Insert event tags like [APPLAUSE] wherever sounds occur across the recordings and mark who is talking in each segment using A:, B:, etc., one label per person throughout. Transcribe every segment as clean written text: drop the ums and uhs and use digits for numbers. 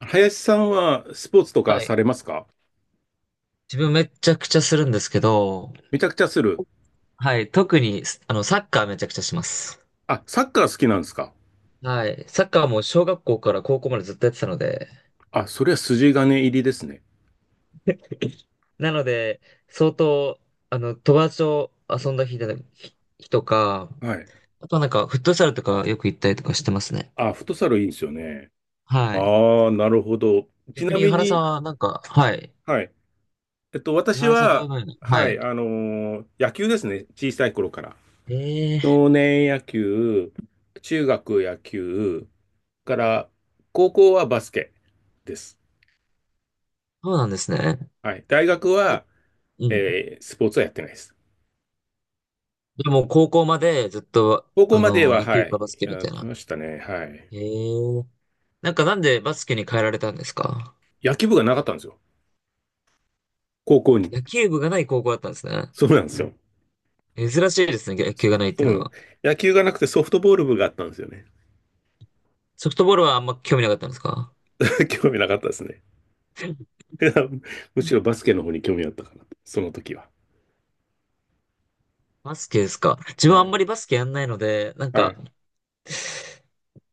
A: 林さんはスポーツとか
B: は
A: さ
B: い。
A: れますか？
B: 自分めちゃくちゃするんですけど、
A: めちゃくちゃする。
B: はい。特にす、あの、サッカーめちゃくちゃします。
A: あ、サッカー好きなんですか？
B: はい。サッカーも小学校から高校までずっとやってたので、
A: あ、それは筋金入りですね。
B: なので、相当、友達と遊んだ日日とか、
A: はい。
B: あとはなんか、フットサルとかよく行ったりとかしてますね。
A: あ、フットサルいいんですよね。
B: はい。
A: ああ、なるほど。ち
B: 逆
A: な
B: に、井
A: み
B: 原さん
A: に、
B: はなんか、はい。
A: はい。
B: 井
A: 私
B: 原さんはどういう
A: は、
B: のに、は
A: はい、
B: い。
A: 野球ですね。小さい頃から。
B: ええ、
A: 少年野球、中学野球、から、高校はバスケです。
B: そうなんですね。
A: はい。大学は、
B: うん。
A: スポーツはやってないです。
B: でも、高校までずっと、
A: 高校までは、
B: 野
A: は
B: 球かバス
A: い、
B: ケみ
A: やっ
B: たい
A: て
B: な。
A: ましたね。はい。
B: へえ。なんかなんでバスケに変えられたんですか？
A: 野球部がなかったんですよ。高校に。
B: 野球部がない高校だったんですね。
A: そうなんですよ。
B: 珍しいですね、野球がないって
A: う
B: いうの
A: ん。
B: は。
A: 野球がなくてソフトボール部があったんですよね。
B: ソフトボールはあんま興味なかったんですか？
A: [LAUGHS] 興味なかったですね。[LAUGHS] むしろバスケの方に興味あったかな。その時は。
B: バスケですか？自分
A: は
B: はあんま
A: い。
B: りバスケやんないので、なん
A: は
B: か、
A: い。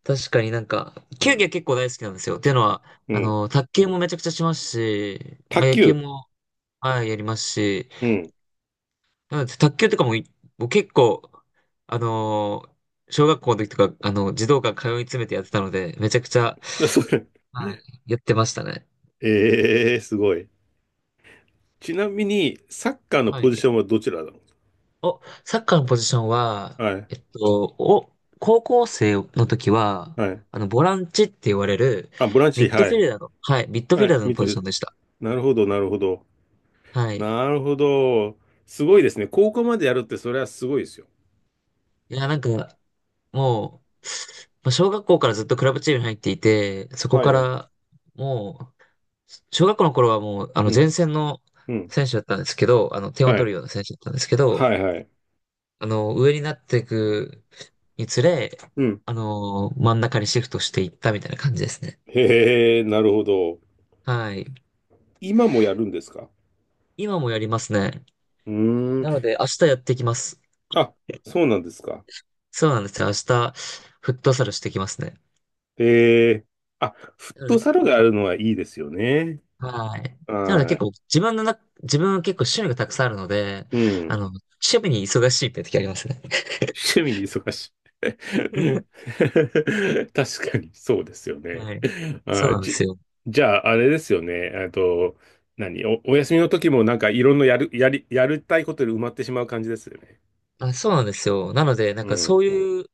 B: 確かになんか、
A: う
B: 球技
A: ん。
B: は結構大好きなんですよ。っていうのは、
A: うん。
B: 卓球もめちゃくちゃしますし、
A: 卓
B: まあ、野球
A: 球。
B: も、はい、やりますし、
A: うん。
B: なので卓球とかももう結構、あの小学校の時とか、児童館通い詰めてやってたので、めちゃくちゃ、
A: [LAUGHS] それ。
B: はい、やってましたね。
A: ええー、すごい。ちなみに、サッカーの
B: は
A: ポジシ
B: い。
A: ョンはどちらだろ
B: サッカーのポジション
A: う。
B: は、
A: はい。
B: お、高校生の時は、
A: はい。
B: ボランチって言われる、
A: あ、ボラン
B: ミ
A: チ、
B: ッド
A: は
B: フィ
A: い。
B: ルダーの、はい、ミッドフ
A: は
B: ィル
A: い。
B: ダーの
A: ミッド
B: ポ
A: フ
B: ジ
A: ィル
B: ショ
A: ダ
B: ンでした。
A: ー、なるほど、なるほど。
B: はい。
A: なるほど。すごいですね。高校までやるって、それはすごいですよ。
B: いや、なんか、もう、まあ小学校からずっとクラブチームに入っていて、そこ
A: はい。
B: か
A: う
B: ら、もう、小学校の頃はもう、前
A: ん。
B: 線の
A: うん。
B: 選手だったんですけど、点を
A: は
B: 取
A: い。
B: るような選手だったんですけど、
A: はいはい。
B: 上になっていくにつれ、
A: うん。
B: 真ん中にシフトしていったみたいな感じですね。
A: へえ、なるほど。
B: はい。
A: 今もやるんですか？
B: 今もやりますね。
A: うー
B: なの
A: ん。
B: で、明日やってきます。
A: あ、そうなんですか。
B: そうなんですよ。明日、フットサルしてきますね。
A: へえ。あ、フッ
B: なの
A: ト
B: で、
A: サルがあるのはいいですよね。
B: はい。なので結
A: は
B: 構、自分は結構趣味がたくさんあるので、
A: い。うん。
B: 趣味に忙しいって時ありますね。
A: 趣
B: [LAUGHS]
A: 味に忙しい。[LAUGHS] 確かにそうですよね。
B: はい。そう
A: あ、
B: なんで
A: じ、
B: すよ。
A: じゃあ、あれですよね。お休みの時もなんかいろんなやる、やり、やりたいことで埋まってしまう感じですよね。
B: あ、そうなんですよ。なので、なん
A: う
B: かそ
A: ん。
B: ういう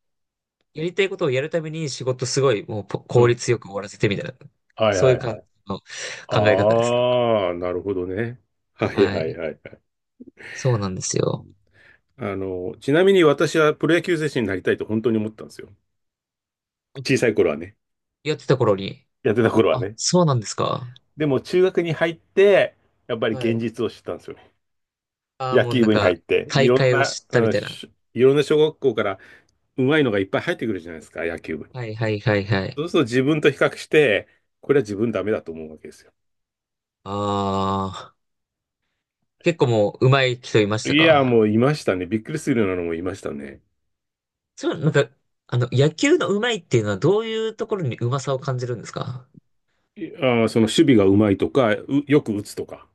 B: やりたいことをやるために仕事すごいもう
A: う
B: 効
A: ん。
B: 率よく終わらせてみたいな、
A: はい
B: そうい
A: は
B: う
A: い
B: 感
A: は
B: じ
A: い。
B: の考え方です。
A: ああ、なるほどね。はい
B: は
A: はい
B: い。
A: はいはい。
B: そうなんです
A: う
B: よ。
A: ん、あの、ちなみに私はプロ野球選手になりたいと本当に思ったんですよ。小さい頃はね。
B: やってた頃に、
A: やってた頃は
B: あ、
A: ね。
B: そうなんですか。
A: でも中学に入って、やっぱり
B: は
A: 現
B: い。
A: 実を知ったんですよね。
B: ああ、
A: 野
B: もう
A: 球
B: なん
A: 部に入
B: か、
A: って、い
B: 大
A: ろん
B: 会を
A: な、
B: 知った
A: う
B: み
A: ん、
B: たいな。
A: しいろんな小学校から上手いのがいっぱい入ってくるじゃないですか、野球部に。
B: はいはいはいはい。
A: そうすると自分と比較して、これは自分ダメだと思うわけですよ。
B: ああ、結構もう上手い人いました
A: いや、
B: か？
A: もういましたね。びっくりするようなのもいましたね。
B: そう、なんか、野球の上手いっていうのはどういうところに上手さを感じるんですか？
A: いあー、その守備が上手いとか、うよく打つとか。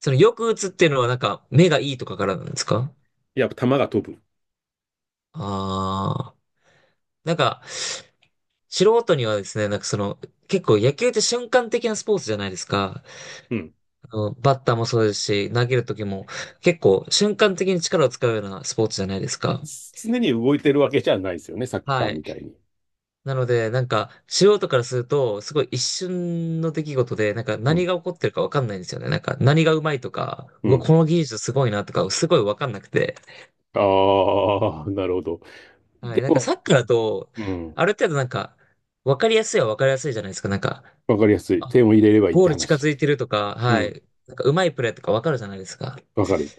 B: そのよく打つっていうのはなんか目がいいとかからなんですか？
A: やっぱ球が飛ぶ。
B: ああー、なんか、素人にはですね、なんかその、結構野球って瞬間的なスポーツじゃないですか。
A: うん。
B: バッターもそうですし、投げる時も結構瞬間的に力を使うようなスポーツじゃないですか。
A: 常に動いてるわけじゃないですよね、サッカー
B: は
A: み
B: い。
A: たいに。
B: なので、なんか、素人からすると、すごい一瞬の出来事で、なんか
A: う
B: 何
A: ん。
B: が起こってるかわかんないんですよね。なんか何がうまいとか、
A: う
B: うわ
A: ん。
B: この技術すごいなとか、すごいわかんなくて。
A: ああ、なるほど。
B: は
A: で
B: い。なんか
A: も、
B: サッカーだと、
A: うん。
B: ある程度なんか、わかりやすいはわかりやすいじゃないですか。なんか、
A: わかりやすい。点を入れればいいっ
B: ゴー
A: て
B: ル近
A: 話。
B: づいてるとか、
A: う
B: は
A: ん。
B: い。なんか、うまいプレーとかわかるじゃないですか。
A: わかる。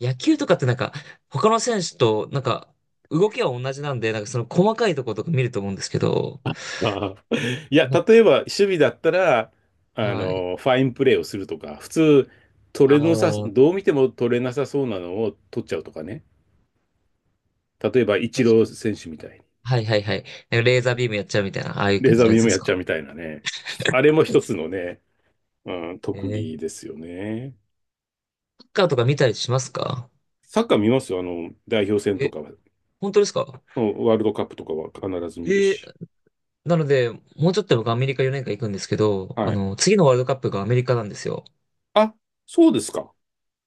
B: 野球とかってなんか、他の選手と、なんか、動きは同じなんで、なんかその細かいところとか見ると思うんですけど、
A: ああ。いや、
B: なん
A: 例
B: か、
A: えば、守備だったら、あ
B: はい。
A: の、ファインプレーをするとか、普通、
B: あ
A: 取れなさ、
B: あ、
A: どう見ても取れなさそうなのを取っちゃうとかね。例えば、イチ
B: 確
A: ロ
B: か
A: ー
B: に。
A: 選手みたいに。
B: はいはいはい。なんかレーザービームやっちゃうみたいな、ああいう
A: レー
B: 感
A: ザ
B: じ
A: ー
B: のや
A: ビー
B: つで
A: ムや
B: す
A: っち
B: か？
A: ゃうみたいなね。あれも一つのね、うん、
B: え
A: 特
B: サ
A: 技ですよね。
B: ッカーとか見たりしますか？
A: サッカー見ますよ。あの、代表戦と
B: え、
A: かは。
B: 本当ですか？
A: うん、ワールドカップとかは必ず見る
B: えー、
A: し。
B: なので、もうちょっと僕アメリカ4年間行くんですけど、
A: はい。
B: 次のワールドカップがアメリカなんですよ。
A: あ、そうですか。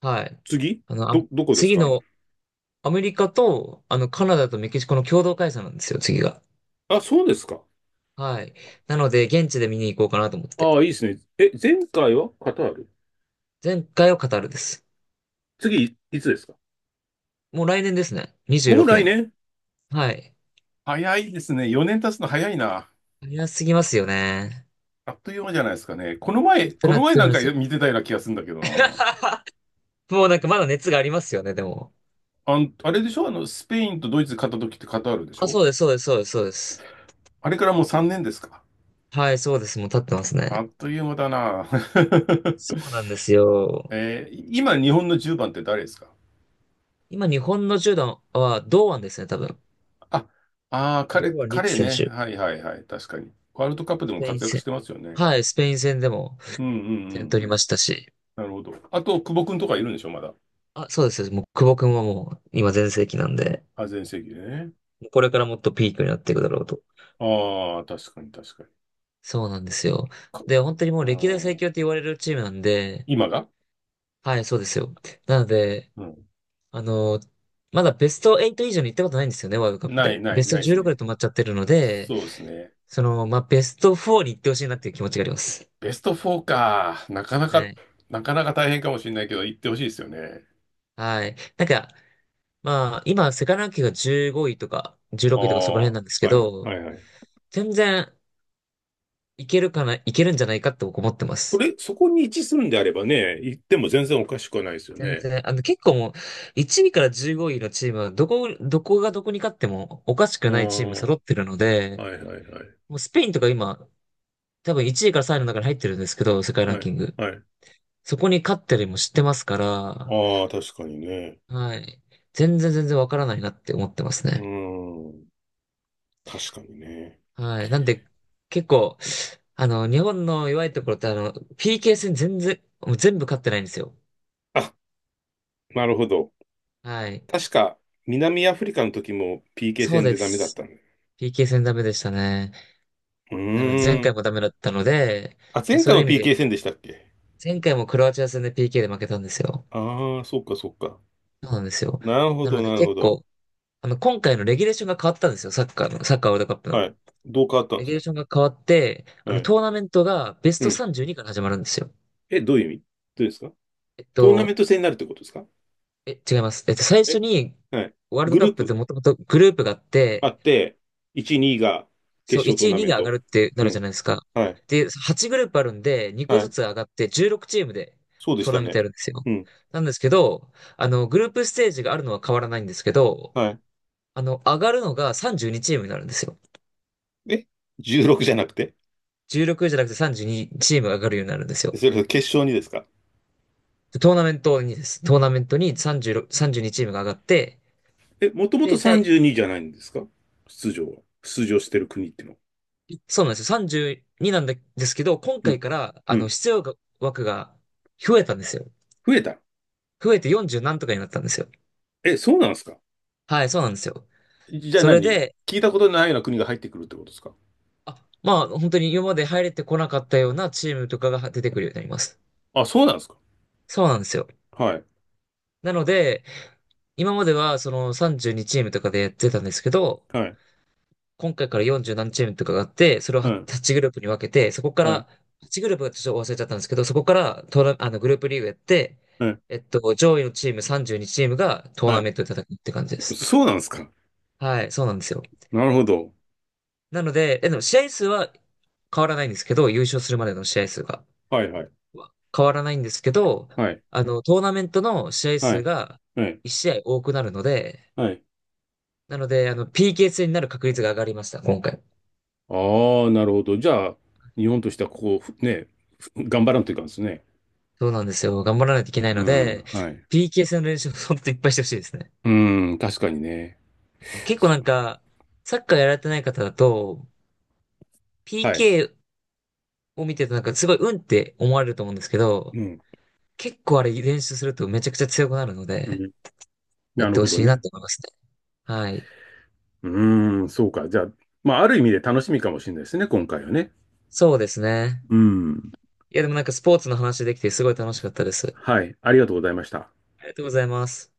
B: はい。
A: 次
B: あの、あ、
A: ど、どこです
B: 次
A: か？
B: の、アメリカと、カナダとメキシコの共同開催なんですよ、次が。
A: あ、そうですか。
B: はい。なので、現地で見に行こうかなと思って。
A: ああ、いいですね。え、前回はカタール？
B: 前回はカタールです。
A: 次、いつですか？
B: もう来年ですね。26
A: もう来
B: 年。
A: 年？
B: はい。
A: 早いですね。4年経つの早いな。
B: 早すぎますよね。
A: あっという間じゃないですかね。この前、
B: 本当
A: こ
B: にあ
A: の
B: っ
A: 前
B: という
A: な
B: 間
A: ん
B: で
A: か
B: すよ。
A: 見てたような気がするんだけどな。
B: [LAUGHS] もうなんかまだ熱がありますよね、でも。
A: あん、あれでしょ、あの、スペインとドイツ勝った時ってカタールでし
B: あ、
A: ょ？
B: そうです、そうです、そうです、そうです。
A: あれからもう3年ですか。
B: はい、そうです。もう立ってます
A: あ
B: ね。
A: っという間だな。
B: そう
A: [LAUGHS]
B: なんですよ。
A: 今、日本の10番って誰ですか？
B: 今、日本の10段は堂安ですね、多分。
A: あ、
B: 堂安律
A: 彼
B: 選
A: ね。
B: 手。
A: はいはいはい。確かに。ワールドカップで
B: ス
A: も
B: ペイン
A: 活躍し
B: 戦。
A: てますよね。
B: はい、スペイン戦でも
A: うんう
B: 点
A: んう
B: 取
A: んう
B: りま
A: ん。
B: したし。
A: なるほど。あと、久保君とかいるんでしょ、まだ。
B: あ、そうです。もう、久保君はもう、今全盛期なんで、
A: あ、全盛期でね。
B: もうこれからもっとピークになっていくだろうと。
A: ああ、確かに確かに。
B: そうなんですよ。
A: か、
B: で、本当にも
A: あ
B: う歴代最
A: ー
B: 強って言われるチームなんで、
A: 今が？
B: はい、そうですよ。なので、
A: うん。
B: あの、まだベスト8以上に行ったことないんですよね、ワールドカップ
A: ない
B: で。
A: な
B: ベ
A: い
B: スト
A: ないです
B: 16
A: ね。
B: で止まっちゃってるので、
A: そうですね。
B: その、まあ、ベスト4に行ってほしいなっていう気持ちがあります。
A: ベスト4か。なかな
B: は
A: か、
B: い。
A: なかなか大変かもしれないけど、行ってほしいですよね。
B: はい。なんか、まあ、今、世界ランキングが15位とか、16
A: あ
B: 位とかそこら
A: あ、
B: 辺なんですけ
A: はいは
B: ど、
A: いはい。
B: 全然いけるかな、いけるんじゃないかって僕思ってま
A: そ
B: す。
A: れ、そこに位置するんであればね、行っても全然おかしくはないですよ
B: 全
A: ね。
B: 然、結構もう、1位から15位のチームは、どこがどこに勝ってもおかしく
A: ああ、
B: ないチーム揃ってるので、
A: はいはいはい。
B: もうスペインとか今、多分1位から3位の中に入ってるんですけど、世界ラン
A: は
B: キ
A: い、
B: ング。
A: はい。
B: そこに勝ったりも知ってますから、
A: ああ、確かにね。
B: はい。全然全然わからないなって思ってます
A: う
B: ね。
A: ーん、確かにね。
B: はい。なんで、結構、日本の弱いところって、PK 戦全然、もう全部勝ってないんですよ。
A: あ、なるほど。
B: はい。
A: 確か、南アフリカの時も PK
B: そう
A: 戦
B: で
A: でダメだっ
B: す。
A: たね。
B: PK 戦ダメでしたね。
A: う
B: なので、前
A: ー
B: 回
A: ん。
B: もダメだったので、
A: あ、前
B: そ
A: 回
B: ういう
A: も
B: 意味で、
A: PK 戦でしたっけ？
B: 前回もクロアチア戦で PK で負けたんですよ。
A: ああー、そっかそっか。
B: そうなんですよ。
A: なるほ
B: な
A: ど、
B: ので、
A: なるほ
B: 結
A: ど。
B: 構、今回のレギュレーションが変わったんですよ。サッカーの、サッカーワールドカップ
A: は
B: の。
A: い。どう変わったん
B: レ
A: で
B: ギ
A: す
B: ュレー
A: か？
B: ションが変わって、
A: はい。
B: トーナメントがベス
A: う
B: ト
A: ん。
B: 32から始まるんですよ。
A: え、どういう意味？どうですか？
B: えっ
A: トーナメン
B: と、
A: ト戦になるってことですか？
B: 違います。最初
A: え、
B: に、
A: はい。
B: ワールド
A: グ
B: カ
A: ル
B: ッ
A: ー
B: プっ
A: プ
B: てもともとグループがあっ
A: あ
B: て、
A: って、1、2が決
B: そう、
A: 勝トー
B: 1位、
A: ナ
B: 2位
A: メン
B: が上が
A: ト。
B: るってな
A: う
B: るじゃ
A: ん。
B: ないですか。
A: はい。
B: で、8グループあるんで、2個
A: は
B: ず
A: い。
B: つ上がって16チームで
A: そうでし
B: トー
A: た
B: ナメント
A: ね。
B: やるんですよ。
A: うん。
B: なんですけど、グループステージがあるのは変わらないんですけど、
A: は
B: 上がるのが32チームになるんですよ。
A: い。え、16じゃなくて？
B: 16じゃなくて32チームが上がるようになるんですよ。
A: それ決勝にですか？
B: でトーナメントにです。トーナメントに36、32チームが上がって、
A: え、もともと
B: で、第、
A: 32じゅうにじゃないんですか？出場は。出場してる国っていうのは。
B: そうなんですよ。32なんですけど、今
A: う
B: 回
A: ん。
B: から、
A: うん。
B: 出場枠が増えたんですよ。
A: 増えた。
B: 増えて40何とかになったんですよ。
A: え、そうなんですか？
B: はい、そうなんですよ。
A: じゃあ
B: それ
A: 何
B: で、
A: 聞いたことないような国が入ってくるってことですか？
B: あ、まあ、本当に今まで入れてこなかったようなチームとかが出てくるようになります。
A: あ、そうなんですか。
B: そうなんですよ。
A: はい。
B: なので、今まではその32チームとかでやってたんですけど、
A: はい。
B: 今回から40何チームとかがあって、それを
A: うん。
B: 8グループに分けて、そこから、
A: はい。
B: 8グループはちょっと忘れちゃったんですけど、そこからトーナ、あの、グループリーグやって、
A: はい。
B: 上位のチーム32チームがトー
A: は
B: ナ
A: い。
B: メントで戦うって感じです。
A: そうなんですか？
B: はい、そうなんですよ。
A: なるほど。
B: なので、でも試合数は変わらないんですけど、優勝するまでの試合数が。
A: はいはい。
B: 変わらないんですけど、
A: はい。
B: トーナメントの試合
A: は
B: 数
A: い。
B: が
A: はい。
B: 1試合多くなるので、
A: はい。
B: なので、PK 戦になる確率が上がりました、今回。
A: ああ、なるほど。じゃあ、日本としてはここをふね、ふ頑張らんといかんですね。
B: そうなんですよ。頑張らないといけない
A: う
B: の
A: ん、
B: で、
A: はい。
B: PK 戦の練習をいっぱいしてほしいですね。
A: うん、確かにね。
B: 結構なんか、サッカーやられてない方だと、
A: はい。
B: PK を見ててなんかすごい運って思われると思うんですけど、
A: うん、
B: 結構あれ練習するとめちゃくちゃ強くなるの
A: う
B: で、
A: ん、
B: やっ
A: なる
B: てほ
A: ほど
B: しいなっ
A: ね。
B: て思いますね。はい。
A: うん、そうか。じゃあ、まあ、ある意味で楽しみかもしれないですね、今回はね。
B: そうですね。
A: うん。
B: いやでもなんかスポーツの話できてすごい楽しかったです。
A: はい。ありがとうございました。
B: ありがとうございます。